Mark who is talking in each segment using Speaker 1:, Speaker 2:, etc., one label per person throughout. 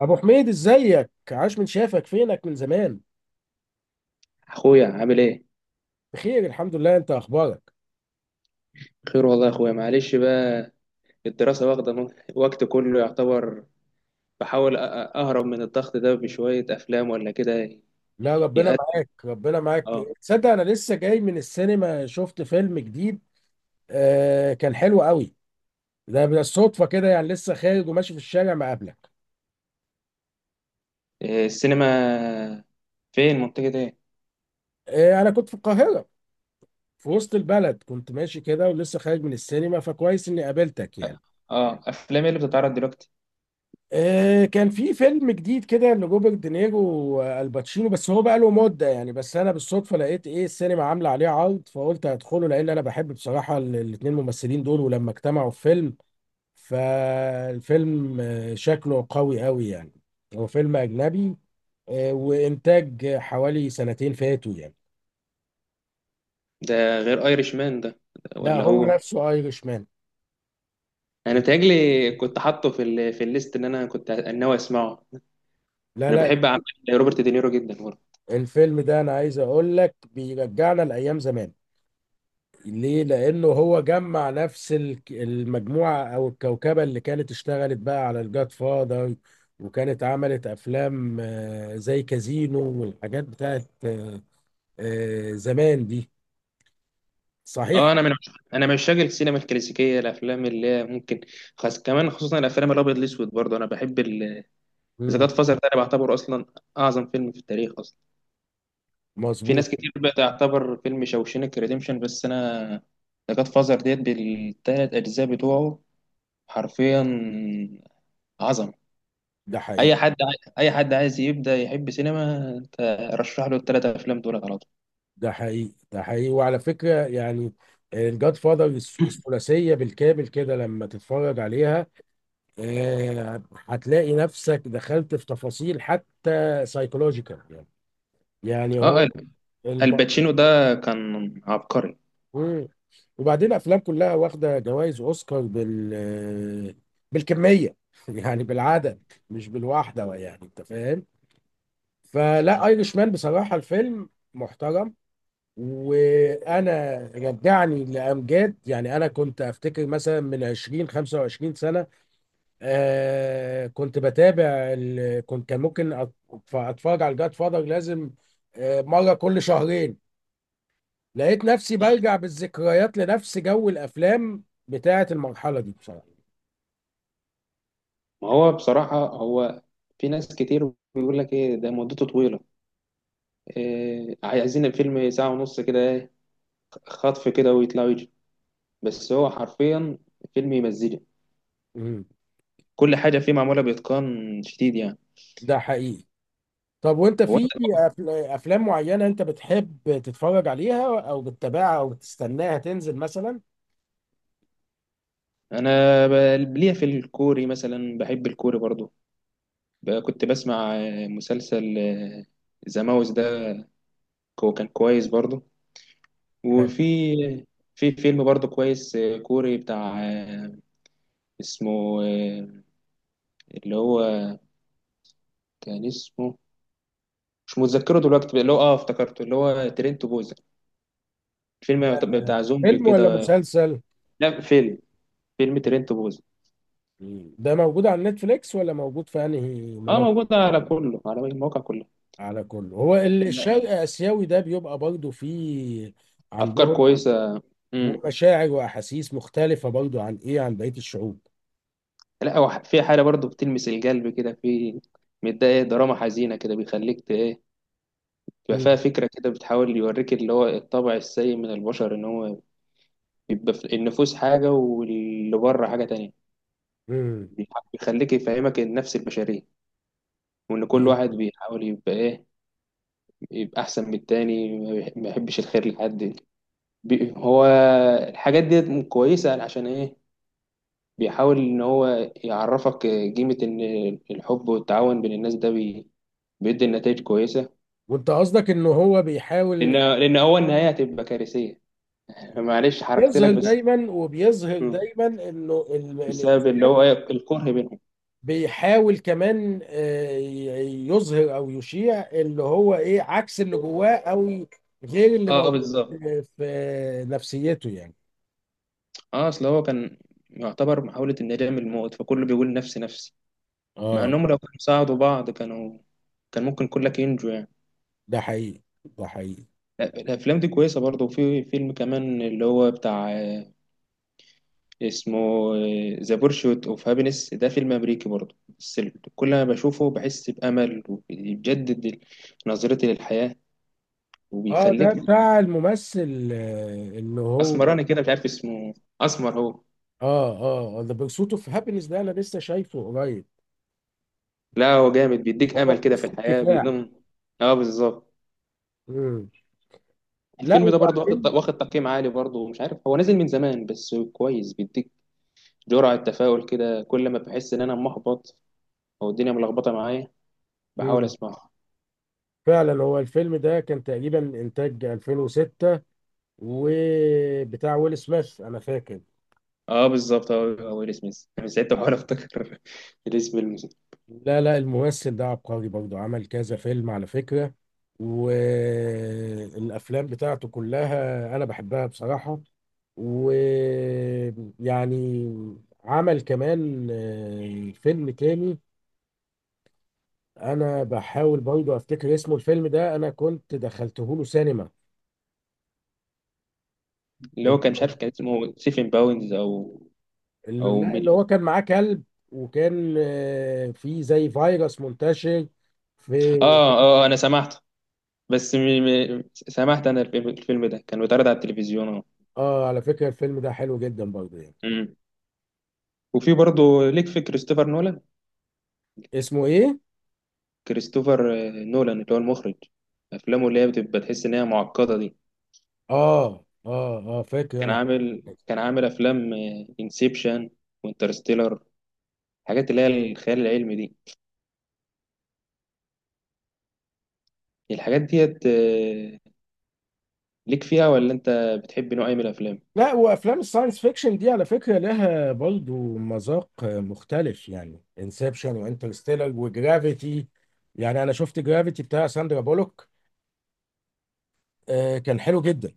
Speaker 1: ابو حميد، ازيك؟ عاش من شافك، فينك من زمان؟
Speaker 2: اخويا عامل ايه؟
Speaker 1: بخير الحمد لله، انت اخبارك؟
Speaker 2: خير والله يا اخويا، معلش بقى. الدراسه واخده وقت كله يعتبر. بحاول اهرب من الضغط ده بشويه افلام ولا كده،
Speaker 1: لا، ربنا
Speaker 2: يهدي.
Speaker 1: معاك ربنا معاك.
Speaker 2: اه.
Speaker 1: تصدق، انا لسه جاي من السينما، شفت فيلم جديد. كان حلو قوي. ده بالصدفه كده يعني، لسه خارج وماشي في الشارع مقابلك.
Speaker 2: إيه، السينما؟ فين، منطقه ايه؟
Speaker 1: انا كنت في القاهره، في وسط البلد كنت ماشي كده ولسه خارج من السينما، فكويس اني قابلتك يعني.
Speaker 2: اه، افلام ايه اللي بتتعرض دلوقتي؟
Speaker 1: كان في فيلم جديد كده لروبرت دينيرو والباتشينو، بس هو بقى له مده يعني، بس انا بالصدفه لقيت ايه، السينما عامله عليه عرض، فقلت هدخله لان انا بحب بصراحه الاتنين ممثلين دول، ولما اجتمعوا في فيلم، فالفيلم شكله قوي قوي يعني. هو فيلم اجنبي. وانتاج حوالي سنتين فاتوا يعني.
Speaker 2: ده غير ايرش مان ده
Speaker 1: لا،
Speaker 2: ولا
Speaker 1: هو
Speaker 2: هو؟
Speaker 1: نفسه ايرش مان.
Speaker 2: انا بتهيألي كنت حاطه في الليست اللي انا كنت ناوي اسمعه.
Speaker 1: لا،
Speaker 2: انا
Speaker 1: لا.
Speaker 2: بحب اعمال روبرت دينيرو جدا.
Speaker 1: الفيلم ده انا عايز اقول لك بيرجعنا لايام زمان. ليه؟ لأنه هو جمع نفس المجموعة أو الكوكبة اللي كانت اشتغلت بقى على الجاد فاذر، وكانت عملت أفلام، زي كازينو والحاجات بتاعت زمان دي. صحيح؟
Speaker 2: اه، انا من عشاق السينما الكلاسيكيه، الافلام اللي هي ممكن خاص كمان، خصوصا الافلام الابيض الاسود برضه. انا بحب اذا
Speaker 1: مم.
Speaker 2: جاد فازر ده، انا بعتبره اصلا اعظم فيلم في التاريخ اصلا. في
Speaker 1: مظبوط.
Speaker 2: ناس كتير بتعتبر فيلم شوشينك ريديمشن، بس انا ذا جاد فازر ديت بالثلاث اجزاء بتوعه، حرفيا عظمه.
Speaker 1: ده حقيقي،
Speaker 2: اي حد عايز يبدا يحب سينما، انت رشح له الثلاث افلام دولت على طول.
Speaker 1: ده حقيقي، ده حقيقي، وعلى فكرة يعني، الجاد فاذر الثلاثية بالكامل كده، لما تتفرج عليها هتلاقي نفسك دخلت في تفاصيل حتى سايكولوجيكال يعني. يعني هو
Speaker 2: اه،
Speaker 1: الم...
Speaker 2: الباتشينو ده كان عبقري.
Speaker 1: مم. وبعدين افلام كلها واخده جوائز اوسكار بال بالكميه، يعني بالعدد، مش بالواحده يعني، انت فاهم. فلا، ايرش مان بصراحه الفيلم محترم، وانا رجعني لامجاد يعني، انا كنت افتكر مثلا من 20 25 سنه. كنت بتابع كنت كان ممكن اتفرج على الجاد فاذر لازم مره كل شهرين. لقيت نفسي بلجأ بالذكريات لنفس جو الافلام بتاعه المرحله دي بصراحه.
Speaker 2: ما هو بصراحة هو، في ناس كتير بيقول لك ايه ده مدته طويلة، إيه عايزين الفيلم ساعة ونص كده، ايه خطف كده ويطلع ويجي. بس هو حرفيا فيلم يمزجك،
Speaker 1: امم.
Speaker 2: كل حاجة فيه معمولة بإتقان شديد يعني.
Speaker 1: ده حقيقي. طب وانت
Speaker 2: هو
Speaker 1: في
Speaker 2: انت،
Speaker 1: افلام معينه انت بتحب تتفرج عليها او بتتابعها او بتستناها تنزل مثلا؟
Speaker 2: انا ليا في الكوري مثلا، بحب الكوري برضو. كنت بسمع مسلسل ذا ماوس ده، هو كان كويس برضو.
Speaker 1: حلو.
Speaker 2: وفي، في فيلم برضو كويس كوري بتاع اسمه اللي هو كان اسمه، مش متذكره دلوقتي بقى، اللي هو اه افتكرته، اللي هو ترينت بوزة، الفيلم بتاع زومبي
Speaker 1: فيلم ولا
Speaker 2: كده.
Speaker 1: مسلسل؟
Speaker 2: لا فيلم ترينت بوزة.
Speaker 1: مم. ده موجود على نتفليكس ولا موجود في انهي
Speaker 2: اه،
Speaker 1: منصه؟
Speaker 2: موجود على كله، على المواقع كلها.
Speaker 1: على كله، هو
Speaker 2: لا لا،
Speaker 1: الشرق اسيوي ده بيبقى برضه فيه
Speaker 2: افكار
Speaker 1: عندهم
Speaker 2: كويسه. امم.
Speaker 1: مشاعر واحاسيس مختلفه برضه عن ايه، عن بقيه الشعوب.
Speaker 2: لا، هو في حاجه برضو بتلمس القلب كده، في متضايق، دراما حزينه كده، بيخليك ايه، تبقى فيها
Speaker 1: مم.
Speaker 2: فكره كده، بتحاول يوريك اللي هو الطبع السيء من البشر، ان هو بيبقى في النفوس حاجه واللي بره حاجه تانية.
Speaker 1: مم.
Speaker 2: بيح- بيخليك يفهمك النفس البشريه، وان كل واحد بيحاول يبقى ايه، يبقى احسن من التاني، ما يحبش الخير لحد. هو الحاجات دي كويسة عشان ايه، بيحاول ان هو يعرفك قيمة ان الحب والتعاون بين الناس ده بيدي نتائج كويسة.
Speaker 1: وانت قصدك ان هو
Speaker 2: لان،
Speaker 1: بيحاول
Speaker 2: هو النهاية هتبقى كارثية. معلش، حركت لك
Speaker 1: يظهر
Speaker 2: بس.
Speaker 1: دايما، وبيظهر
Speaker 2: مم.
Speaker 1: دايما انه
Speaker 2: بسبب اللي هو إيه؟ الكره بينهم.
Speaker 1: بيحاول كمان يظهر او يشيع اللي هو ايه عكس اللي جواه او غير اللي
Speaker 2: اه،
Speaker 1: موجود
Speaker 2: بالظبط.
Speaker 1: في نفسيته يعني.
Speaker 2: اه، اصل هو كان يعتبر محاولة الندام الموت، فكله بيقول نفسي نفسي. مع
Speaker 1: اه،
Speaker 2: انهم لو كانوا ساعدوا بعض، كانوا كان ممكن كلك ينجو يعني.
Speaker 1: ده حقيقي ده حقيقي.
Speaker 2: لا، الافلام دي كويسه برضه. وفي فيلم كمان اللي هو بتاع اسمه ذا بورشوت اوف هابينس. ده فيلم امريكي برضه، بس كل ما بشوفه بحس بامل، وبيجدد نظرتي للحياه،
Speaker 1: اه، ده
Speaker 2: وبيخليك.
Speaker 1: بتاع الممثل اللي هو،
Speaker 2: اسمراني كده، مش عارف اسمه، اسمر هو.
Speaker 1: اه، اه، ذا بيرسوت اوف هابينس ده انا لسه شايفه قريب.
Speaker 2: لا، هو جامد، بيديك
Speaker 1: هو
Speaker 2: امل كده في
Speaker 1: قصه
Speaker 2: الحياه،
Speaker 1: كفاح.
Speaker 2: بيقدم. اه، بالظبط.
Speaker 1: مم. لا،
Speaker 2: الفيلم ده برضه واخد،
Speaker 1: وبعدين.
Speaker 2: تقييم عالي برضه، مش عارف هو نازل من زمان، بس كويس، بيديك جرعه تفاؤل كده، كل ما بحس ان انا محبط او الدنيا ملخبطه معايا بحاول
Speaker 1: مم.
Speaker 2: اسمعه.
Speaker 1: فعلا هو الفيلم ده كان تقريبا انتاج 2006، وبتاع ويل سميث انا فاكر.
Speaker 2: اه، بالظبط، هو، ويل سميث، انا ساعتها بحاول افتكر الاسم
Speaker 1: لا، لا، الممثل ده عبقري برضه، عمل كذا فيلم على فكرة، والافلام بتاعته كلها انا بحبها بصراحة، ويعني، عمل كمان فيلم تاني، انا بحاول برضه افتكر اسمه، الفيلم ده انا كنت دخلته له سينما.
Speaker 2: اللي هو، كان مش عارف، كان اسمه سيفن باوندز او،
Speaker 1: لا،
Speaker 2: مين.
Speaker 1: اللي هو كان معاه كلب، وكان في زي فيروس منتشر
Speaker 2: اه،
Speaker 1: في.
Speaker 2: اه، انا سمعته، بس سمعت انا الفيلم، ده كان بيتعرض على التلفزيون اه.
Speaker 1: اه، على فكرة الفيلم ده حلو جدا برضه يعني.
Speaker 2: أمم. وفي برضه ليك في كريستوفر نولان،
Speaker 1: اسمه ايه؟
Speaker 2: كريستوفر نولان اللي هو المخرج، افلامه اللي هي بتبقى تحس ان هي معقده دي.
Speaker 1: اه، اه، اه، فاكر انا.
Speaker 2: كان عامل افلام انسبشن وانترستيلر، الحاجات اللي هي الخيال العلمي دي، الحاجات ديت ليك فيها ولا انت بتحب نوع ايه من الافلام؟
Speaker 1: لا، وافلام الساينس فيكشن دي على فكره لها برضه مذاق مختلف، يعني انسبشن وانترستيلر وجرافيتي. يعني انا شفت جرافيتي بتاع ساندرا بولوك. كان حلو جدا.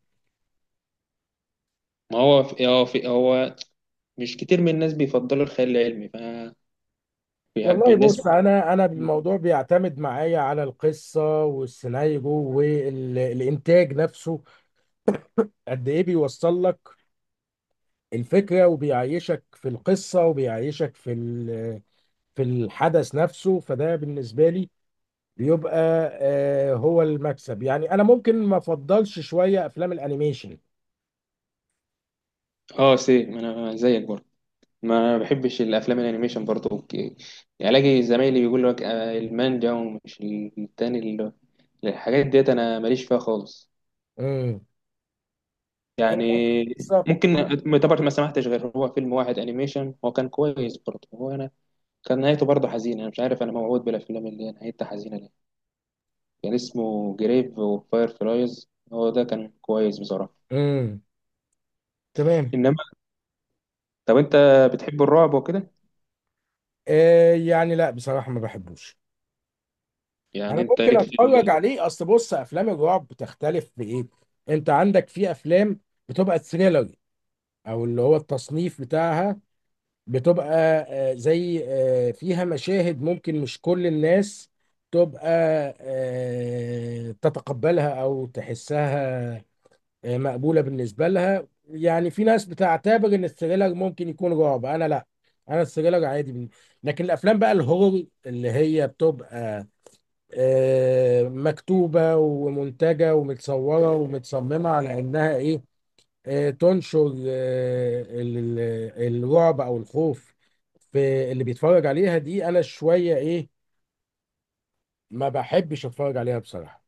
Speaker 2: ما هو في، هو في، مش كتير من الناس بيفضلوا الخيال العلمي، ف
Speaker 1: والله.
Speaker 2: الناس.
Speaker 1: بص، انا الموضوع بيعتمد معايا على القصه والسيناريو والانتاج نفسه، قد ايه بيوصل لك الفكره وبيعيشك في القصه، وبيعيشك في في الحدث نفسه، فده بالنسبه لي بيبقى هو المكسب يعني. انا ممكن ما افضلش شويه افلام الانيميشن.
Speaker 2: اه، سي، ما انا زيك برضه، ما بحبش الافلام الانيميشن برضه، اوكي؟ يعني الاقي زمايلي بيقول لك المانجا ومش التاني اللي، الحاجات ديت انا ماليش فيها خالص
Speaker 1: امم.
Speaker 2: يعني.
Speaker 1: بالظبط.
Speaker 2: ممكن يعتبر ما سمحتش غير هو فيلم واحد انيميشن هو كان كويس برضه، هو انا كان نهايته برضه حزينه، انا مش عارف انا موعود بالافلام اللي هي نهايتها حزينه ليه، كان اسمه جريف وفاير فلايز، هو ده كان كويس بصراحة.
Speaker 1: امم. تمام.
Speaker 2: إنما، طب أنت بتحب الرعب وكده؟
Speaker 1: يعني لا، بصراحه ما بحبوش.
Speaker 2: يعني
Speaker 1: انا
Speaker 2: أنت
Speaker 1: ممكن
Speaker 2: ليك في
Speaker 1: اتفرج عليه، اصل بص، افلام الرعب بتختلف في ايه. انت عندك في افلام بتبقى تhriller، او اللي هو التصنيف بتاعها بتبقى زي، فيها مشاهد ممكن مش كل الناس تبقى تتقبلها او تحسها مقبولة بالنسبة لها، يعني في ناس بتعتبر ان الثريلر ممكن يكون رعب، انا لا. انا الثريلر عادي لكن الافلام بقى الهورر اللي هي بتبقى مكتوبة ومنتجة ومتصورة ومتصممة على إنها إيه، تنشر الرعب أو الخوف في اللي بيتفرج عليها دي، أنا شوية إيه، ما بحبش أتفرج عليها بصراحة.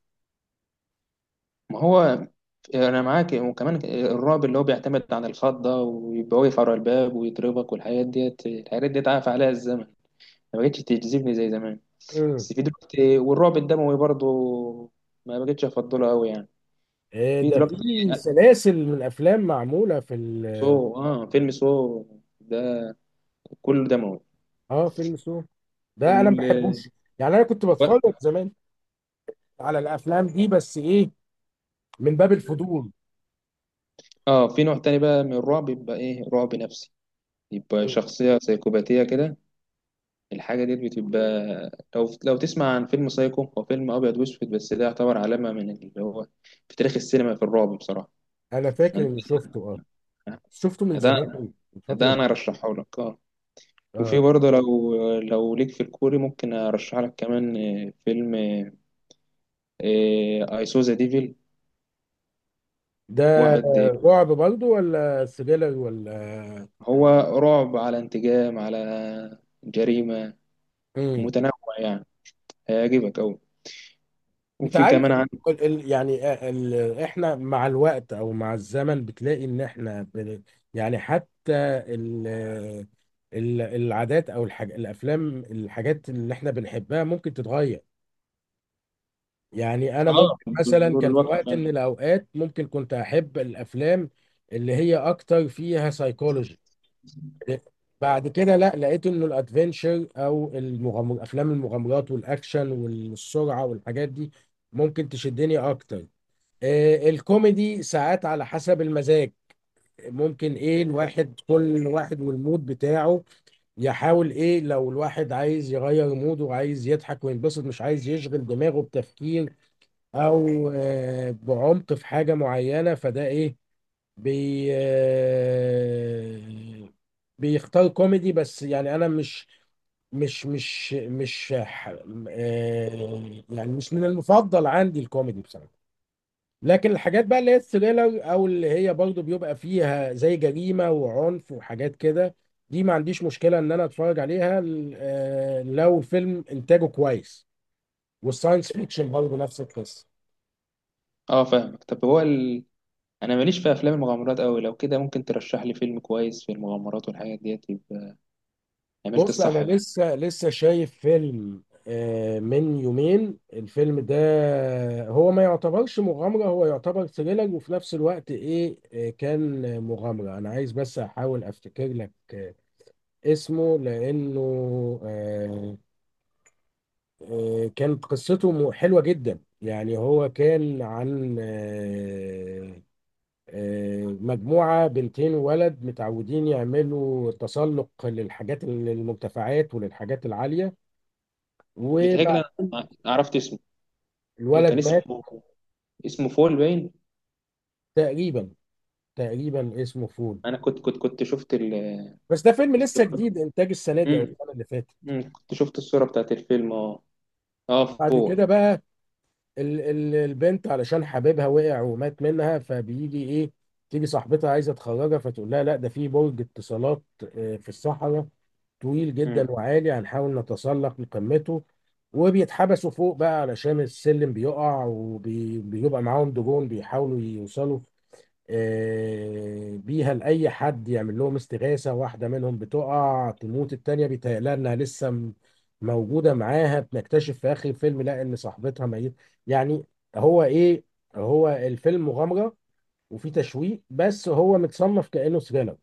Speaker 2: ما هو أنا معاك. وكمان الرعب اللي هو بيعتمد على الخضة ده، ويبقى واقف على الباب ويضربك، والحاجات ديت، الحاجات ديت عاف عليها الزمن، ما بقتش تجذبني زي زمان.
Speaker 1: مم.
Speaker 2: بس في دلوقتي، والرعب الدموي برضه ما بقتش أفضله أوي يعني، في
Speaker 1: ده
Speaker 2: دلوقتي.
Speaker 1: في سلاسل من الأفلام معمولة في ال
Speaker 2: سو، فيلم سو ده كله دموي.
Speaker 1: آه فيلم سو ده أنا ما
Speaker 2: ال-
Speaker 1: بحبوش. يعني أنا كنت بتفرج زمان على الأفلام دي، بس إيه، من باب الفضول.
Speaker 2: اه، في نوع تاني بقى من الرعب، يبقى ايه، رعب نفسي، يبقى
Speaker 1: مم.
Speaker 2: شخصية سيكوباتية كده. الحاجة دي بتبقى، لو تسمع عن فيلم سايكو، هو فيلم أبيض وأسود، بس ده يعتبر علامة من اللي هو، في تاريخ السينما في الرعب بصراحة
Speaker 1: أنا فاكر
Speaker 2: يعني.
Speaker 1: إني شفته. شفته من
Speaker 2: ده
Speaker 1: زمان، من
Speaker 2: ده
Speaker 1: فترة.
Speaker 2: أنا أرشحه لك اه. وفي
Speaker 1: اه،
Speaker 2: برضه، لو ليك في الكوري، ممكن أرشح لك كمان فيلم I saw the devil،
Speaker 1: ده
Speaker 2: واحد
Speaker 1: رعب برضه ولا سريلر ولا؟
Speaker 2: هو رعب، على انتقام، على جريمة،
Speaker 1: امم.
Speaker 2: متنوع يعني، هيعجبك أوي.
Speaker 1: انت
Speaker 2: وفي
Speaker 1: عارف
Speaker 2: كمان.
Speaker 1: يعني احنا مع الوقت او مع الزمن، بتلاقي ان احنا. يعني حتى ال... العادات او الحاجات اللي احنا بنحبها ممكن تتغير. يعني انا
Speaker 2: اه،
Speaker 1: ممكن مثلا،
Speaker 2: بمرور
Speaker 1: كان في
Speaker 2: الوقت
Speaker 1: وقت
Speaker 2: فعلا.
Speaker 1: من الاوقات ممكن كنت احب الافلام اللي هي اكتر فيها سايكولوجي، بعد كده لا، لقيت انه الادفنشر او المغامر، افلام المغامرات والاكشن والسرعه والحاجات دي ممكن تشدني اكتر. الكوميدي ساعات على حسب المزاج، ممكن ايه، الواحد كل واحد والمود بتاعه يحاول ايه، لو الواحد عايز يغير موده وعايز يضحك وينبسط، مش عايز يشغل دماغه بتفكير او بعمق في حاجه معينه، فده ايه، بي آه، بيختار كوميدي. بس يعني انا مش يعني مش من المفضل عندي الكوميدي بصراحه. لكن الحاجات بقى اللي هي الثريلر او اللي هي برضو بيبقى فيها زي جريمه وعنف وحاجات كده، دي ما عنديش مشكله ان انا اتفرج عليها، لو الفيلم انتاجه كويس، والساينس فيكشن برضو نفس القصه.
Speaker 2: اه فاهمك. طب هو انا ماليش في افلام المغامرات قوي، لو كده ممكن ترشح لي فيلم كويس في المغامرات والحاجات ديت، يبقى عملت
Speaker 1: بص
Speaker 2: الصح
Speaker 1: انا
Speaker 2: معايا.
Speaker 1: لسه شايف فيلم من يومين، الفيلم ده هو ما يعتبرش مغامرة، هو يعتبر ثريلر وفي نفس الوقت ايه، كان مغامرة. انا عايز بس احاول افتكر لك اسمه، لانه آه، كانت قصته حلوة جدا يعني. هو كان عن مجموعة بنتين وولد متعودين يعملوا تسلق للحاجات، للمرتفعات وللحاجات العالية، وبعد
Speaker 2: بيتهيألي انا عرفت اسمه. إيه كان
Speaker 1: الولد مات.
Speaker 2: اسمه؟ اسمه فول باين.
Speaker 1: تقريبا تقريبا اسمه فول.
Speaker 2: انا كنت شفت
Speaker 1: بس ده فيلم لسه
Speaker 2: الصورة.
Speaker 1: جديد، انتاج السنه دي او
Speaker 2: امم.
Speaker 1: السنه اللي فاتت.
Speaker 2: أمم، كنت شفت الصورة بتاعت الفيلم اه، اه
Speaker 1: بعد
Speaker 2: فول.
Speaker 1: كده بقى، ال البنت علشان حبيبها وقع ومات منها، فبيجي ايه، تيجي صاحبتها عايزه تخرجها، فتقول لها لا، ده في برج اتصالات في الصحراء، طويل جدا
Speaker 2: امم.
Speaker 1: وعالي، هنحاول نتسلق لقمته. وبيتحبسوا فوق بقى علشان السلم بيقع، وبيبقى معاهم دجون بيحاولوا يوصلوا بيها لأي حد يعمل لهم استغاثة. واحدة منهم بتقع تموت، التانية بيتهيألها إنها لسه موجودة معاها، بنكتشف في آخر الفيلم لا، إن صاحبتها ميت. يعني هو إيه، هو الفيلم مغامرة وفي تشويق، بس هو متصنف كأنه ثريلر.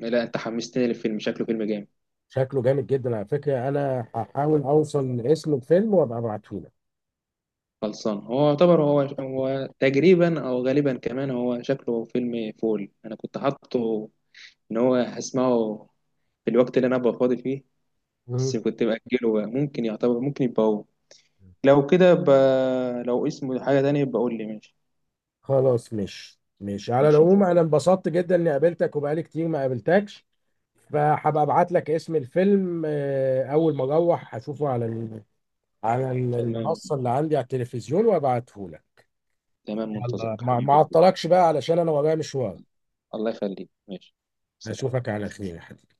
Speaker 2: لا، انت حمستني للفيلم، شكله فيلم جامد.
Speaker 1: شكله جامد جدا، على فكرة أنا هحاول أوصل لاسم الفيلم وأبقى أبعته لك.
Speaker 2: خلصان. هو يعتبر هو، تقريبا او غالبا كمان، هو شكله فيلم فول، انا كنت حاطه ان هو هسمعه في الوقت اللي انا ابقى فاضي فيه،
Speaker 1: مم.
Speaker 2: بس كنت باجله بقى. ممكن يعتبر، ممكن يبقى هو. لو كده لو اسمه حاجه تانية يبقى قول لي، ماشي.
Speaker 1: خلاص. مش على
Speaker 2: ماشي،
Speaker 1: العموم، أنا انبسطت جدا إني قابلتك وبقالي كتير ما قابلتكش، فهبقى ابعت لك اسم الفيلم، اول ما اروح هشوفه على
Speaker 2: تمام
Speaker 1: المنصه اللي عندي على التلفزيون وابعته لك.
Speaker 2: تمام، منتظرك
Speaker 1: ما
Speaker 2: حبيبي.
Speaker 1: اعطلكش بقى علشان انا ورايا مشوار.
Speaker 2: الله يخليك، ماشي، سلام.
Speaker 1: هشوفك على خير يا حبيبي.